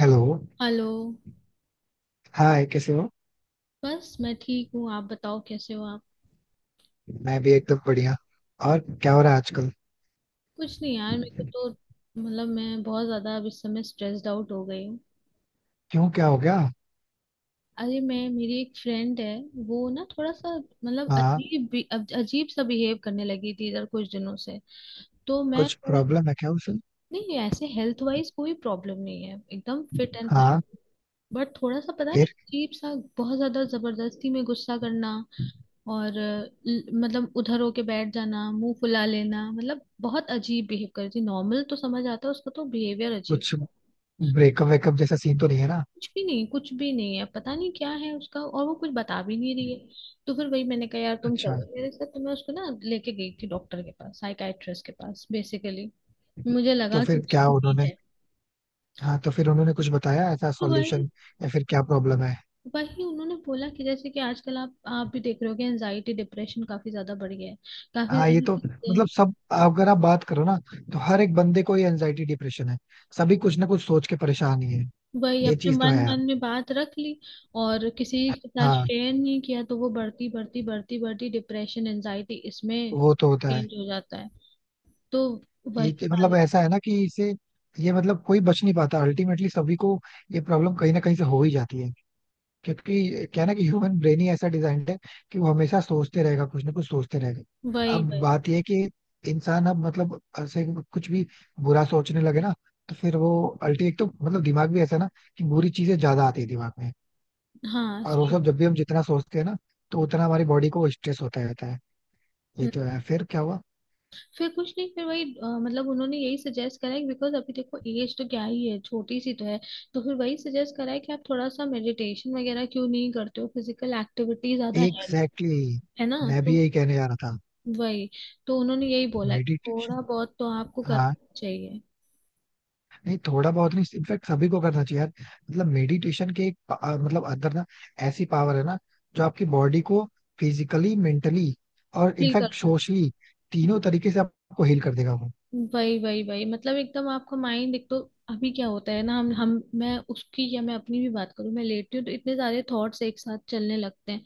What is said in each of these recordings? Hello. Hello. Hi, कैसे हो? बस मैं ठीक हूँ, आप बताओ कैसे हो आप? मैं भी एकदम बढ़िया. और क्या हो रहा है आजकल? कुछ नहीं यार मेरे को, तो मतलब मैं बहुत ज्यादा अब इस समय स्ट्रेस्ड आउट हो गई हूँ। क्यों, क्या हो गया? अरे मैं, मेरी एक फ्रेंड है, वो ना थोड़ा सा मतलब हाँ. अब अजीब सा बिहेव करने लगी थी इधर कुछ दिनों से। तो मैं कुछ भाई- प्रॉब्लम है क्या उसे? नहीं ऐसे हेल्थ वाइज कोई प्रॉब्लम नहीं है, एकदम फिट एंड फाइन। हाँ. बट थोड़ा सा पता फिर नहीं, अजीब सा, बहुत ज्यादा जबरदस्ती में गुस्सा करना, और मतलब उधर होके बैठ जाना, मुंह फुला लेना, मतलब बहुत अजीब बिहेव करती, नॉर्मल तो समझ आता है, उसका तो बिहेवियर अजीब। कुछ ब्रेकअप वेकअप जैसा सीन तो नहीं है ना? कुछ भी नहीं, कुछ भी नहीं है, पता नहीं क्या है उसका, और वो कुछ बता भी नहीं रही है। तो फिर वही मैंने कहा यार तुम अच्छा. चलो मेरे साथ, तो मैं उसको ना लेके गई थी डॉक्टर के पास, साइकाइट्रिस्ट के पास बेसिकली। मुझे तो लगा कि फिर क्या उसको नीड उन्होंने. है। हाँ, तो फिर उन्होंने कुछ बताया ऐसा तो वही। सॉल्यूशन, या फिर क्या प्रॉब्लम है? वही उन्होंने बोला कि जैसे कि आजकल आप भी देख रहे हो कि एनजाइटी डिप्रेशन काफी ज्यादा बढ़ गया है, काफी हाँ, ये ज्यादा तो चीजें हैं। मतलब सब, अगर आप बात करो ना, तो हर एक बंदे को ये एंजाइटी डिप्रेशन है. सभी कुछ ना कुछ सोच के परेशान ही है. वही ये अपने चीज तो मन है यार. मन में बात रख ली और किसी के साथ हाँ, शेयर नहीं किया, तो वो बढ़ती बढ़ती बढ़ती बढ़ती डिप्रेशन, एंजाइटी इसमें वो तो होता है. चेंज हो जाता है। तो वही मतलब सारी, ऐसा है ना कि इसे, ये मतलब कोई बच नहीं पाता अल्टीमेटली, सभी को ये प्रॉब्लम कहीं ना कहीं से हो ही जाती है. क्योंकि क्या है ना, कि ह्यूमन ब्रेन ही ऐसा डिजाइंड है कि वो हमेशा सोचते रहेगा, कुछ ना कुछ सोचते रहेगा. वही अब वही। बात ये है कि इंसान अब मतलब ऐसे कुछ भी बुरा सोचने लगे ना, तो फिर वो अल्टीमेट, तो मतलब दिमाग भी ऐसा है ना कि बुरी चीजें ज्यादा आती है दिमाग में. हाँ और वो सही सब बात। जब भी हम जितना सोचते हैं ना, तो उतना हमारी बॉडी को स्ट्रेस होता रहता है. ये हम्म, तो है, फिर क्या हुआ? फिर कुछ नहीं, फिर वही मतलब उन्होंने यही सजेस्ट करा है, बिकॉज अभी देखो एज तो क्या ही है, छोटी सी तो है। तो फिर वही सजेस्ट करा है कि आप थोड़ा सा मेडिटेशन वगैरह क्यों नहीं करते हो, फिजिकल एक्टिविटी ज्यादा है नहीं, एग्जैक्टली है exactly, ना? मैं भी तो यही कहने जा रहा था. वही। तो उन्होंने यही बोला कि थोड़ा मेडिटेशन. बहुत तो आपको हाँ, करना चाहिए। नहीं थोड़ा बहुत नहीं, इनफैक्ट सभी को करना चाहिए यार. मतलब मेडिटेशन के मतलब अंदर ना, ऐसी पावर है ना जो आपकी बॉडी को फिजिकली, मेंटली और चिल कर इनफैक्ट लो। सोशली, तीनों तरीके से आपको हील कर देगा वो. वही वही वही, मतलब एकदम आपका माइंड एक तो, अभी क्या होता है ना, हम मैं उसकी या मैं अपनी भी बात करूं, मैं लेटती हूँ तो इतने सारे थॉट्स एक साथ चलने लगते हैं।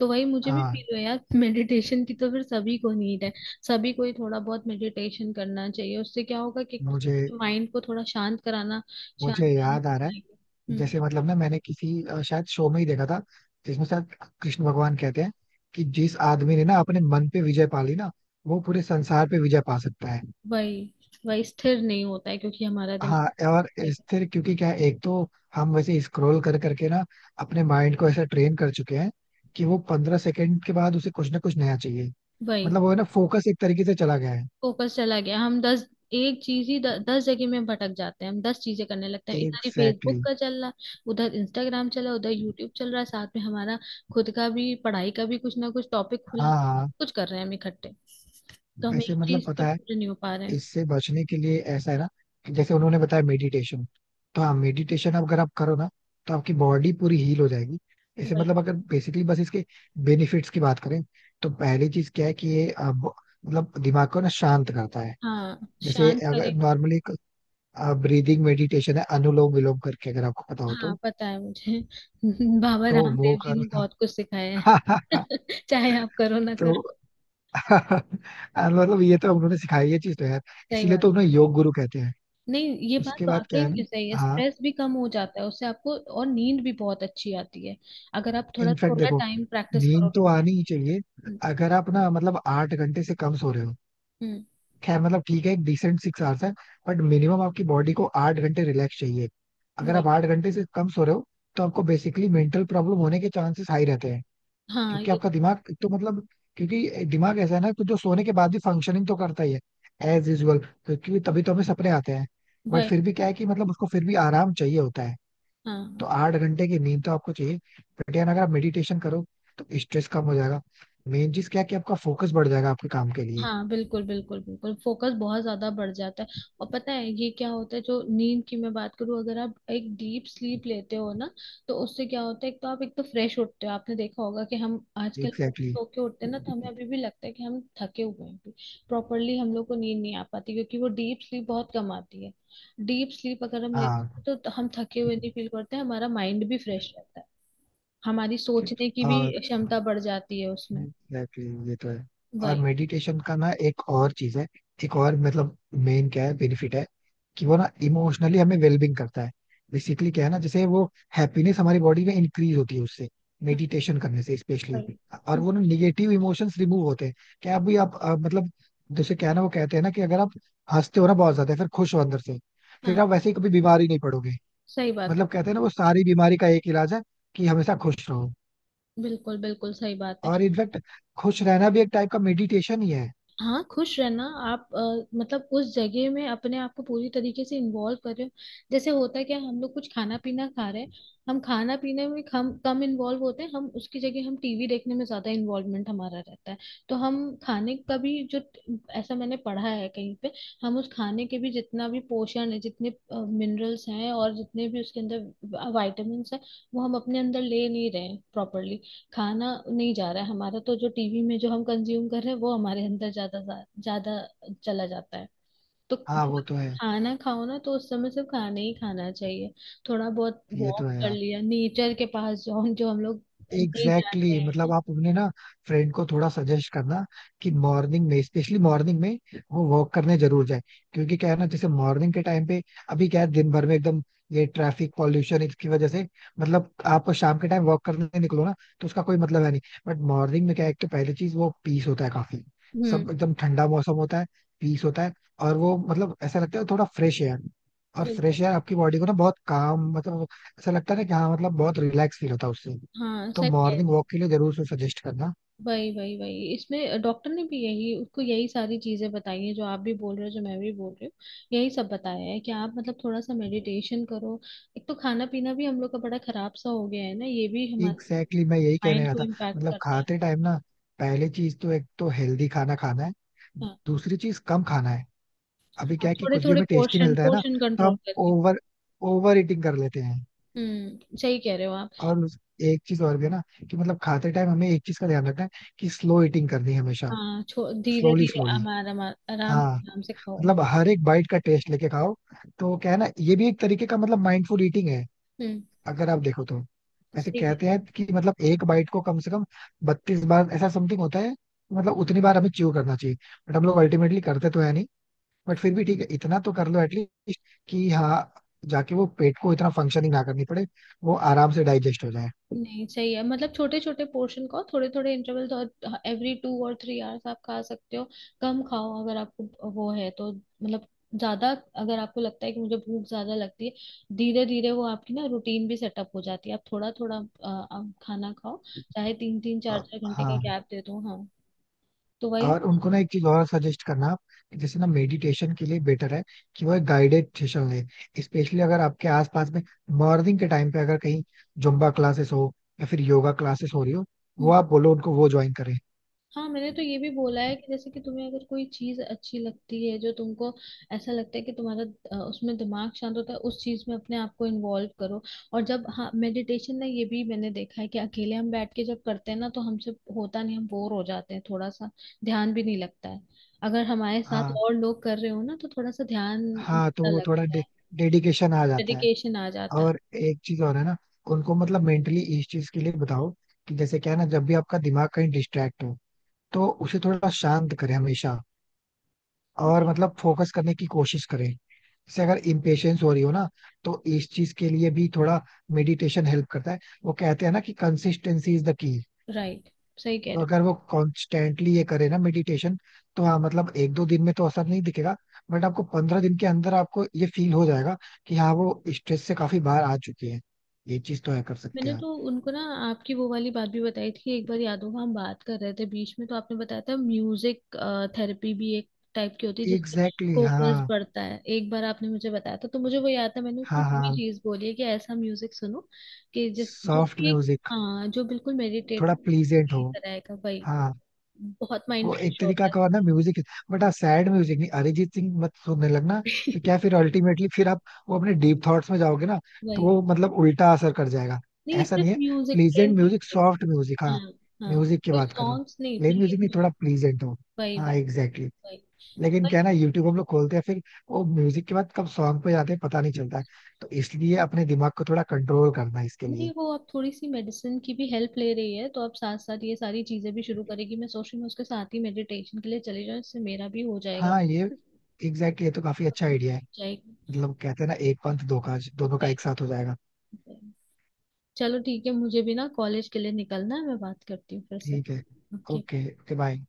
तो वही मुझे भी हाँ. फील हुआ यार मेडिटेशन की तो फिर सभी को नीड है। सभी को ही थोड़ा बहुत मेडिटेशन करना चाहिए, उससे क्या होगा कि मुझे माइंड को थोड़ा शांत कराना, शांत मुझे कराना याद सीख आ रहा लेंगे। है, हम्म। जैसे मतलब ना मैंने किसी शायद शो में ही देखा था, जिसमें शायद कृष्ण भगवान कहते हैं कि जिस आदमी ने ना अपने मन पे विजय पा ली ना, वो पूरे संसार पे विजय पा सकता है. वही वही, स्थिर नहीं होता है क्योंकि हमारा दिमाग। हाँ, और स्थिर, क्योंकि क्या है, एक तो हम वैसे स्क्रॉल कर करके ना अपने माइंड को ऐसा ट्रेन कर चुके हैं कि वो 15 सेकंड के बाद उसे कुछ ना कुछ नया चाहिए. वही, मतलब वो है ना, फोकस एक तरीके से चला गया है. फोकस चला गया, हम 10, एक चीज ही 10 जगह में भटक जाते हैं, हम 10 चीजें करने लगते हैं, इधर ही एग्जैक्टली फेसबुक exactly. का चल रहा, उधर इंस्टाग्राम चला, उधर यूट्यूब चल रहा है, साथ में हमारा खुद का भी पढ़ाई का भी कुछ ना कुछ टॉपिक खुला है, हाँ, हाँ. कुछ कर रहे हैं हम इकट्ठे, तो हम वैसे एक मतलब चीज पे पता है, पूरे नहीं हो पा रहे हैं। इससे बचने के लिए ऐसा है ना, कि जैसे उन्होंने बताया मेडिटेशन, तो हाँ, मेडिटेशन अगर आप करो ना, तो आपकी बॉडी पूरी हील हो जाएगी. ऐसे वही। मतलब अगर बेसिकली बस इसके बेनिफिट्स की बात करें, तो पहली चीज क्या है कि मतलब दिमाग को ना शांत करता है. हाँ जैसे शांत करे। अगर नॉर्मली ब्रीदिंग मेडिटेशन है, अनुलोम विलोम करके, अगर आपको पता हो तो. हाँ पता है मुझे बाबा तो वो रामदेव जी करो. ने बहुत कुछ सिखाया है। हाँ. चाहे आप करो ना तो करो। मतलब ये तो उन्होंने सिखाई, ये चीज तो यार सही इसीलिए बात। तो उन्हें योग गुरु कहते हैं. नहीं ये बात उसके बाद क्या वाकई है ना. में सही है, हाँ, स्ट्रेस भी कम हो जाता है उससे आपको, और नींद भी बहुत अच्छी आती है, अगर आप थोड़ा इनफैक्ट थोड़ा देखो, टाइम प्रैक्टिस नींद करोगे तो आनी ही मेडिटेशन। चाहिए. हम्म। अगर आप ना मतलब 8 घंटे से कम सो रहे हो, हम्म। खैर मतलब ठीक है, एक डिसेंट 6 आवर्स है, बट मिनिमम आपकी बॉडी को 8 घंटे रिलैक्स चाहिए. अगर आप वही। 8 घंटे से कम सो रहे हो, तो आपको बेसिकली मेंटल प्रॉब्लम होने के चांसेस हाई रहते हैं. हाँ क्योंकि ये आपका दिमाग एक तो मतलब, क्योंकि दिमाग ऐसा है ना कि जो सोने के बाद भी फंक्शनिंग तो करता ही है, एज यूजल, क्योंकि तभी तो हमें सपने आते हैं. बट फिर वही। भी क्या है कि मतलब उसको फिर भी आराम चाहिए होता है. हाँ तो 8 घंटे की नींद तो आपको चाहिए. बट यार अगर आप मेडिटेशन करो, तो स्ट्रेस कम हो जाएगा. मेन चीज क्या है कि आपका फोकस बढ़ जाएगा आपके काम के लिए. हाँ, बिल्कुल बिल्कुल बिल्कुल, फोकस बहुत ज्यादा बढ़ जाता है। और पता है ये क्या होता है, जो नींद की मैं बात करूँ, अगर आप एक डीप स्लीप लेते हो ना, तो उससे क्या होता है, एक तो आप, एक तो फ्रेश उठते हो। आपने देखा होगा कि हम आजकल एग्जैक्टली सो के उठते हैं ना, तो हमें exactly. अभी भी लगता है कि हम थके हुए हैं। प्रॉपरली हम लोग को नींद नहीं आ पाती, क्योंकि वो डीप स्लीप बहुत कम आती है। डीप स्लीप अगर हम लेते हाँ. हैं तो हम थके हुए नहीं फील करते हैं, हमारा माइंड भी फ्रेश रहता है, हमारी सोचने की भी और क्षमता बढ़ जाती है उसमें। एग्जैक्टली ये तो है. और वही। मेडिटेशन का ना एक और चीज है, एक और मतलब मेन क्या है बेनिफिट है, कि वो ना इमोशनली हमें वेलबिंग करता है. बेसिकली क्या है ना, जैसे वो हैप्पीनेस हमारी बॉडी में इंक्रीज होती है उससे, हाँ। मेडिटेशन करने से वही। स्पेशली. और हम्म। वो ना निगेटिव इमोशंस रिमूव होते हैं. क्या अभी आप अ, मतलब जैसे क्या है ना वो कहते हैं ना कि अगर आप हंसते हो ना बहुत ज्यादा, फिर खुश हो अंदर से, फिर हाँ। आप वैसे ही कभी बीमारी नहीं पड़ोगे. सही बात मतलब कहते हैं ना, वो सारी बीमारी का एक इलाज है कि हमेशा खुश रहो. है, बिल्कुल बिल्कुल सही बात है। और इनफैक्ट खुश रहना भी एक टाइप का मेडिटेशन ही है. हाँ खुश रहना आप मतलब उस जगह में अपने आप को पूरी तरीके से इन्वॉल्व कर रहे हो। जैसे होता है क्या, हम लोग कुछ खाना पीना खा रहे हैं, हम खाना पीने में हम कम इन्वॉल्व होते हैं, हम उसकी जगह हम टीवी देखने में ज्यादा इन्वॉल्वमेंट हमारा रहता है। तो हम खाने का भी जो, ऐसा मैंने पढ़ा है कहीं पे, हम उस खाने के भी जितना भी पोषण है, जितने मिनरल्स हैं और जितने भी उसके अंदर वाइटामिन है, वो हम अपने अंदर ले नहीं रहे प्रॉपरली, खाना नहीं जा रहा है हमारा, तो जो टीवी में जो हम कंज्यूम कर रहे हैं, वो हमारे अंदर ज्यादा ज्यादा चला जाता है। तो हाँ, वो जब तो है. खाना खाओ ना, तो उस समय सिर्फ खाना ही खाना चाहिए, थोड़ा बहुत ये तो वॉक है कर यार. लिया नेचर के पास, जो हम, जो हम लोग नहीं एग्जैक्टली जाते exactly. हैं। मतलब आप अपने ना फ्रेंड को थोड़ा सजेस्ट करना कि मॉर्निंग में, स्पेशली मॉर्निंग में वो वॉक करने जरूर जाए. क्योंकि क्या है ना, जैसे मॉर्निंग के टाइम पे, अभी क्या है दिन भर में एकदम ये ट्रैफिक पॉल्यूशन, इसकी वजह से मतलब आप शाम के टाइम वॉक करने निकलो ना, तो उसका कोई मतलब है नहीं. बट मॉर्निंग में क्या है, एक तो पहली चीज वो पीस होता है काफी, हम्म। सब एकदम ठंडा मौसम होता है, पीस होता है. और वो मतलब ऐसा लगता है, थोड़ा फ्रेश एयर, और बिल्कुल। फ्रेश एयर आपकी बॉडी को ना बहुत काम, मतलब ऐसा लगता है ना कि हाँ, मतलब बहुत रिलैक्स फील होता है उससे. हाँ तो सही कह मॉर्निंग रहे हो। वॉक के लिए जरूर से सजेस्ट करना. वही वही वही, इसमें डॉक्टर ने भी यही उसको यही सारी चीजें बताई हैं, जो आप भी बोल रहे हो, जो मैं भी बोल रही हूँ, यही सब बताया है कि आप मतलब थोड़ा सा मेडिटेशन करो। एक तो खाना पीना भी हम लोग का बड़ा खराब सा हो गया है ना, ये भी हमारे एग्जैक्टली exactly, मैं यही कहने माइंड आया को था. इम्पैक्ट मतलब करता है। खाते टाइम ना, पहली चीज तो एक तो हेल्दी खाना खाना है, हाँ दूसरी चीज कम खाना है. अभी आप क्या है कि थोड़े कुछ भी थोड़े हमें टेस्टी पोर्शन, मिलता है ना, पोर्शन तो कंट्रोल हम करके। ओवर ओवर ईटिंग कर लेते हैं. सही कह रहे हो आप। और उस- एक चीज और भी है ना कि मतलब खाते टाइम हमें एक चीज का ध्यान रखना है कि स्लो ईटिंग करनी है हमेशा. हाँ धीरे स्लोली धीरे, स्लोली. आराम, आराम हाँ, आराम से खाओ। मतलब हर एक बाइट का टेस्ट लेके खाओ. तो क्या है ना, ये भी एक तरीके का मतलब माइंडफुल ईटिंग है. हम्म अगर आप देखो तो, ऐसे सही कह। कहते हैं कि मतलब एक बाइट को कम से कम 32 बार, ऐसा समथिंग होता है, मतलब उतनी बार हमें च्यू करना चाहिए. बट हम लोग अल्टीमेटली करते तो है नहीं, बट फिर भी ठीक है, इतना तो कर लो एटलीस्ट, कि हाँ जाके वो पेट को इतना फंक्शनिंग ना करनी पड़े, वो आराम से डाइजेस्ट हो जाए. नहीं सही है, मतलब छोटे छोटे पोर्शन खाओ, थोड़े थोड़े इंटरवल, और एवरी टू और थ्री आवर्स आप खा सकते हो। कम खाओ अगर आपको वो है तो मतलब ज्यादा, अगर आपको लगता है कि मुझे भूख ज्यादा लगती है, धीरे धीरे वो आपकी ना रूटीन भी सेटअप हो जाती है, आप थोड़ा थोड़ा आप खाना खाओ, चाहे तीन तीन चार अ, चार घंटे का हाँ. गैप दे दो। हाँ। तो वही। और उनको ना एक चीज और सजेस्ट करना आप, कि जैसे ना मेडिटेशन के लिए बेटर है कि वह गाइडेड सेशन ले. स्पेशली अगर आपके आसपास में मॉर्निंग के टाइम पे अगर कहीं जुम्बा क्लासेस हो, या फिर योगा क्लासेस हो रही हो, वो आप बोलो उनको वो ज्वाइन करें. हाँ। मैंने तो ये भी बोला है कि जैसे कि तुम्हें अगर कोई चीज अच्छी लगती है, जो तुमको ऐसा लगता है कि तुम्हारा उसमें दिमाग शांत होता है, उस चीज में अपने आप को इन्वॉल्व करो। और जब, हाँ मेडिटेशन ना, ये भी मैंने देखा है कि अकेले हम बैठ के जब करते हैं ना, तो हमसे होता नहीं, हम बोर हो जाते हैं थोड़ा सा, ध्यान भी नहीं लगता है। अगर हमारे साथ हाँ. और लोग कर रहे हो ना, तो थोड़ा सा ध्यान हाँ, तो सा वो लगता है, डेडिकेशन आ जाता है. डेडिकेशन आ जाता है। और एक चीज और है ना, उनको मतलब मेंटली इस चीज के लिए बताओ कि जैसे क्या है ना, जब भी आपका दिमाग कहीं डिस्ट्रैक्ट हो, तो उसे थोड़ा शांत करें हमेशा, और मतलब फोकस करने की कोशिश करें. जैसे अगर इम्पेशेंस हो रही हो ना, तो इस चीज के लिए भी थोड़ा मेडिटेशन हेल्प करता है. वो कहते हैं ना कि consistency is the key. Right, सही कह तो रहे हो। अगर वो कॉन्स्टेंटली ये करे ना मेडिटेशन, तो हाँ मतलब एक दो दिन में तो असर नहीं दिखेगा, बट आपको 15 दिन के अंदर आपको ये फील हो जाएगा कि हाँ, वो स्ट्रेस से काफी बाहर आ चुके हैं. ये चीज तो है, कर सकते मैंने हैं आप. तो उनको ना आपकी वो वाली बात भी बताई थी, एक बार याद होगा हम बात कर रहे थे बीच में, तो आपने बताया था म्यूजिक थेरेपी भी एक टाइप की होती है जिसमें एग्जैक्टली exactly, फोकस हाँ. बढ़ता है, एक बार आपने मुझे बताया था, तो मुझे वो याद था, मैंने उसको हाँ, ये भी हाँ. चीज बोली है कि ऐसा म्यूजिक सुनो, कि जिस, जो सॉफ्ट कि एक, म्यूजिक. हाँ जो बिल्कुल मेडिटेट थोड़ा प्लीजेंट की हो. तरह का भाई, हाँ. बहुत माइंड वो एक फ्रेश होता तरीका है। का और ना म्यूजिक. बट हाँ सैड म्यूजिक नहीं, अरिजीत सिंह मत सुनने लगना, तो क्या फिर अल्टीमेटली फिर आप वो अपने डीप थॉट्स में जाओगे ना, तो वही। वो मतलब उल्टा असर कर जाएगा. नहीं ऐसा सिर्फ नहीं है. Music, plain pleasant music, music. Soft music. हाँ. हाँ। हाँ, म्यूजिक की कोई बात कर रहा हूँ. सॉन्ग्स नहीं, प्लेन प्लेन म्यूजिक नहीं, म्यूजिक। थोड़ा प्लीजेंट हो. वही हाँ वही एग्जैक्टली exactly. वही लेकिन क्या वही। है ना, यूट्यूब हम लोग खोलते हैं फिर, वो म्यूजिक के बाद कब सॉन्ग पे जाते हैं पता नहीं चलता है. तो इसलिए अपने दिमाग को थोड़ा कंट्रोल करना है इसके नहीं लिए. वो अब थोड़ी सी मेडिसिन की भी हेल्प ले रही है, तो अब साथ साथ ये सारी चीजें भी शुरू करेगी, मैं सोच रही हूँ उसके साथ ही मेडिटेशन के लिए चले जाऊँ, इससे मेरा भी हो जाएगा, हाँ, ये एग्जैक्टली exactly, ये तो काफी अच्छा आइडिया है. जाएगी। मतलब कहते हैं ना, एक पंथ दो काज, दोनों का सही। एक साथ हो जाएगा. चलो ठीक है, मुझे भी ना कॉलेज के लिए निकलना है, मैं बात करती हूँ फिर से। ठीक है. ओके। ओके. Okay, bye.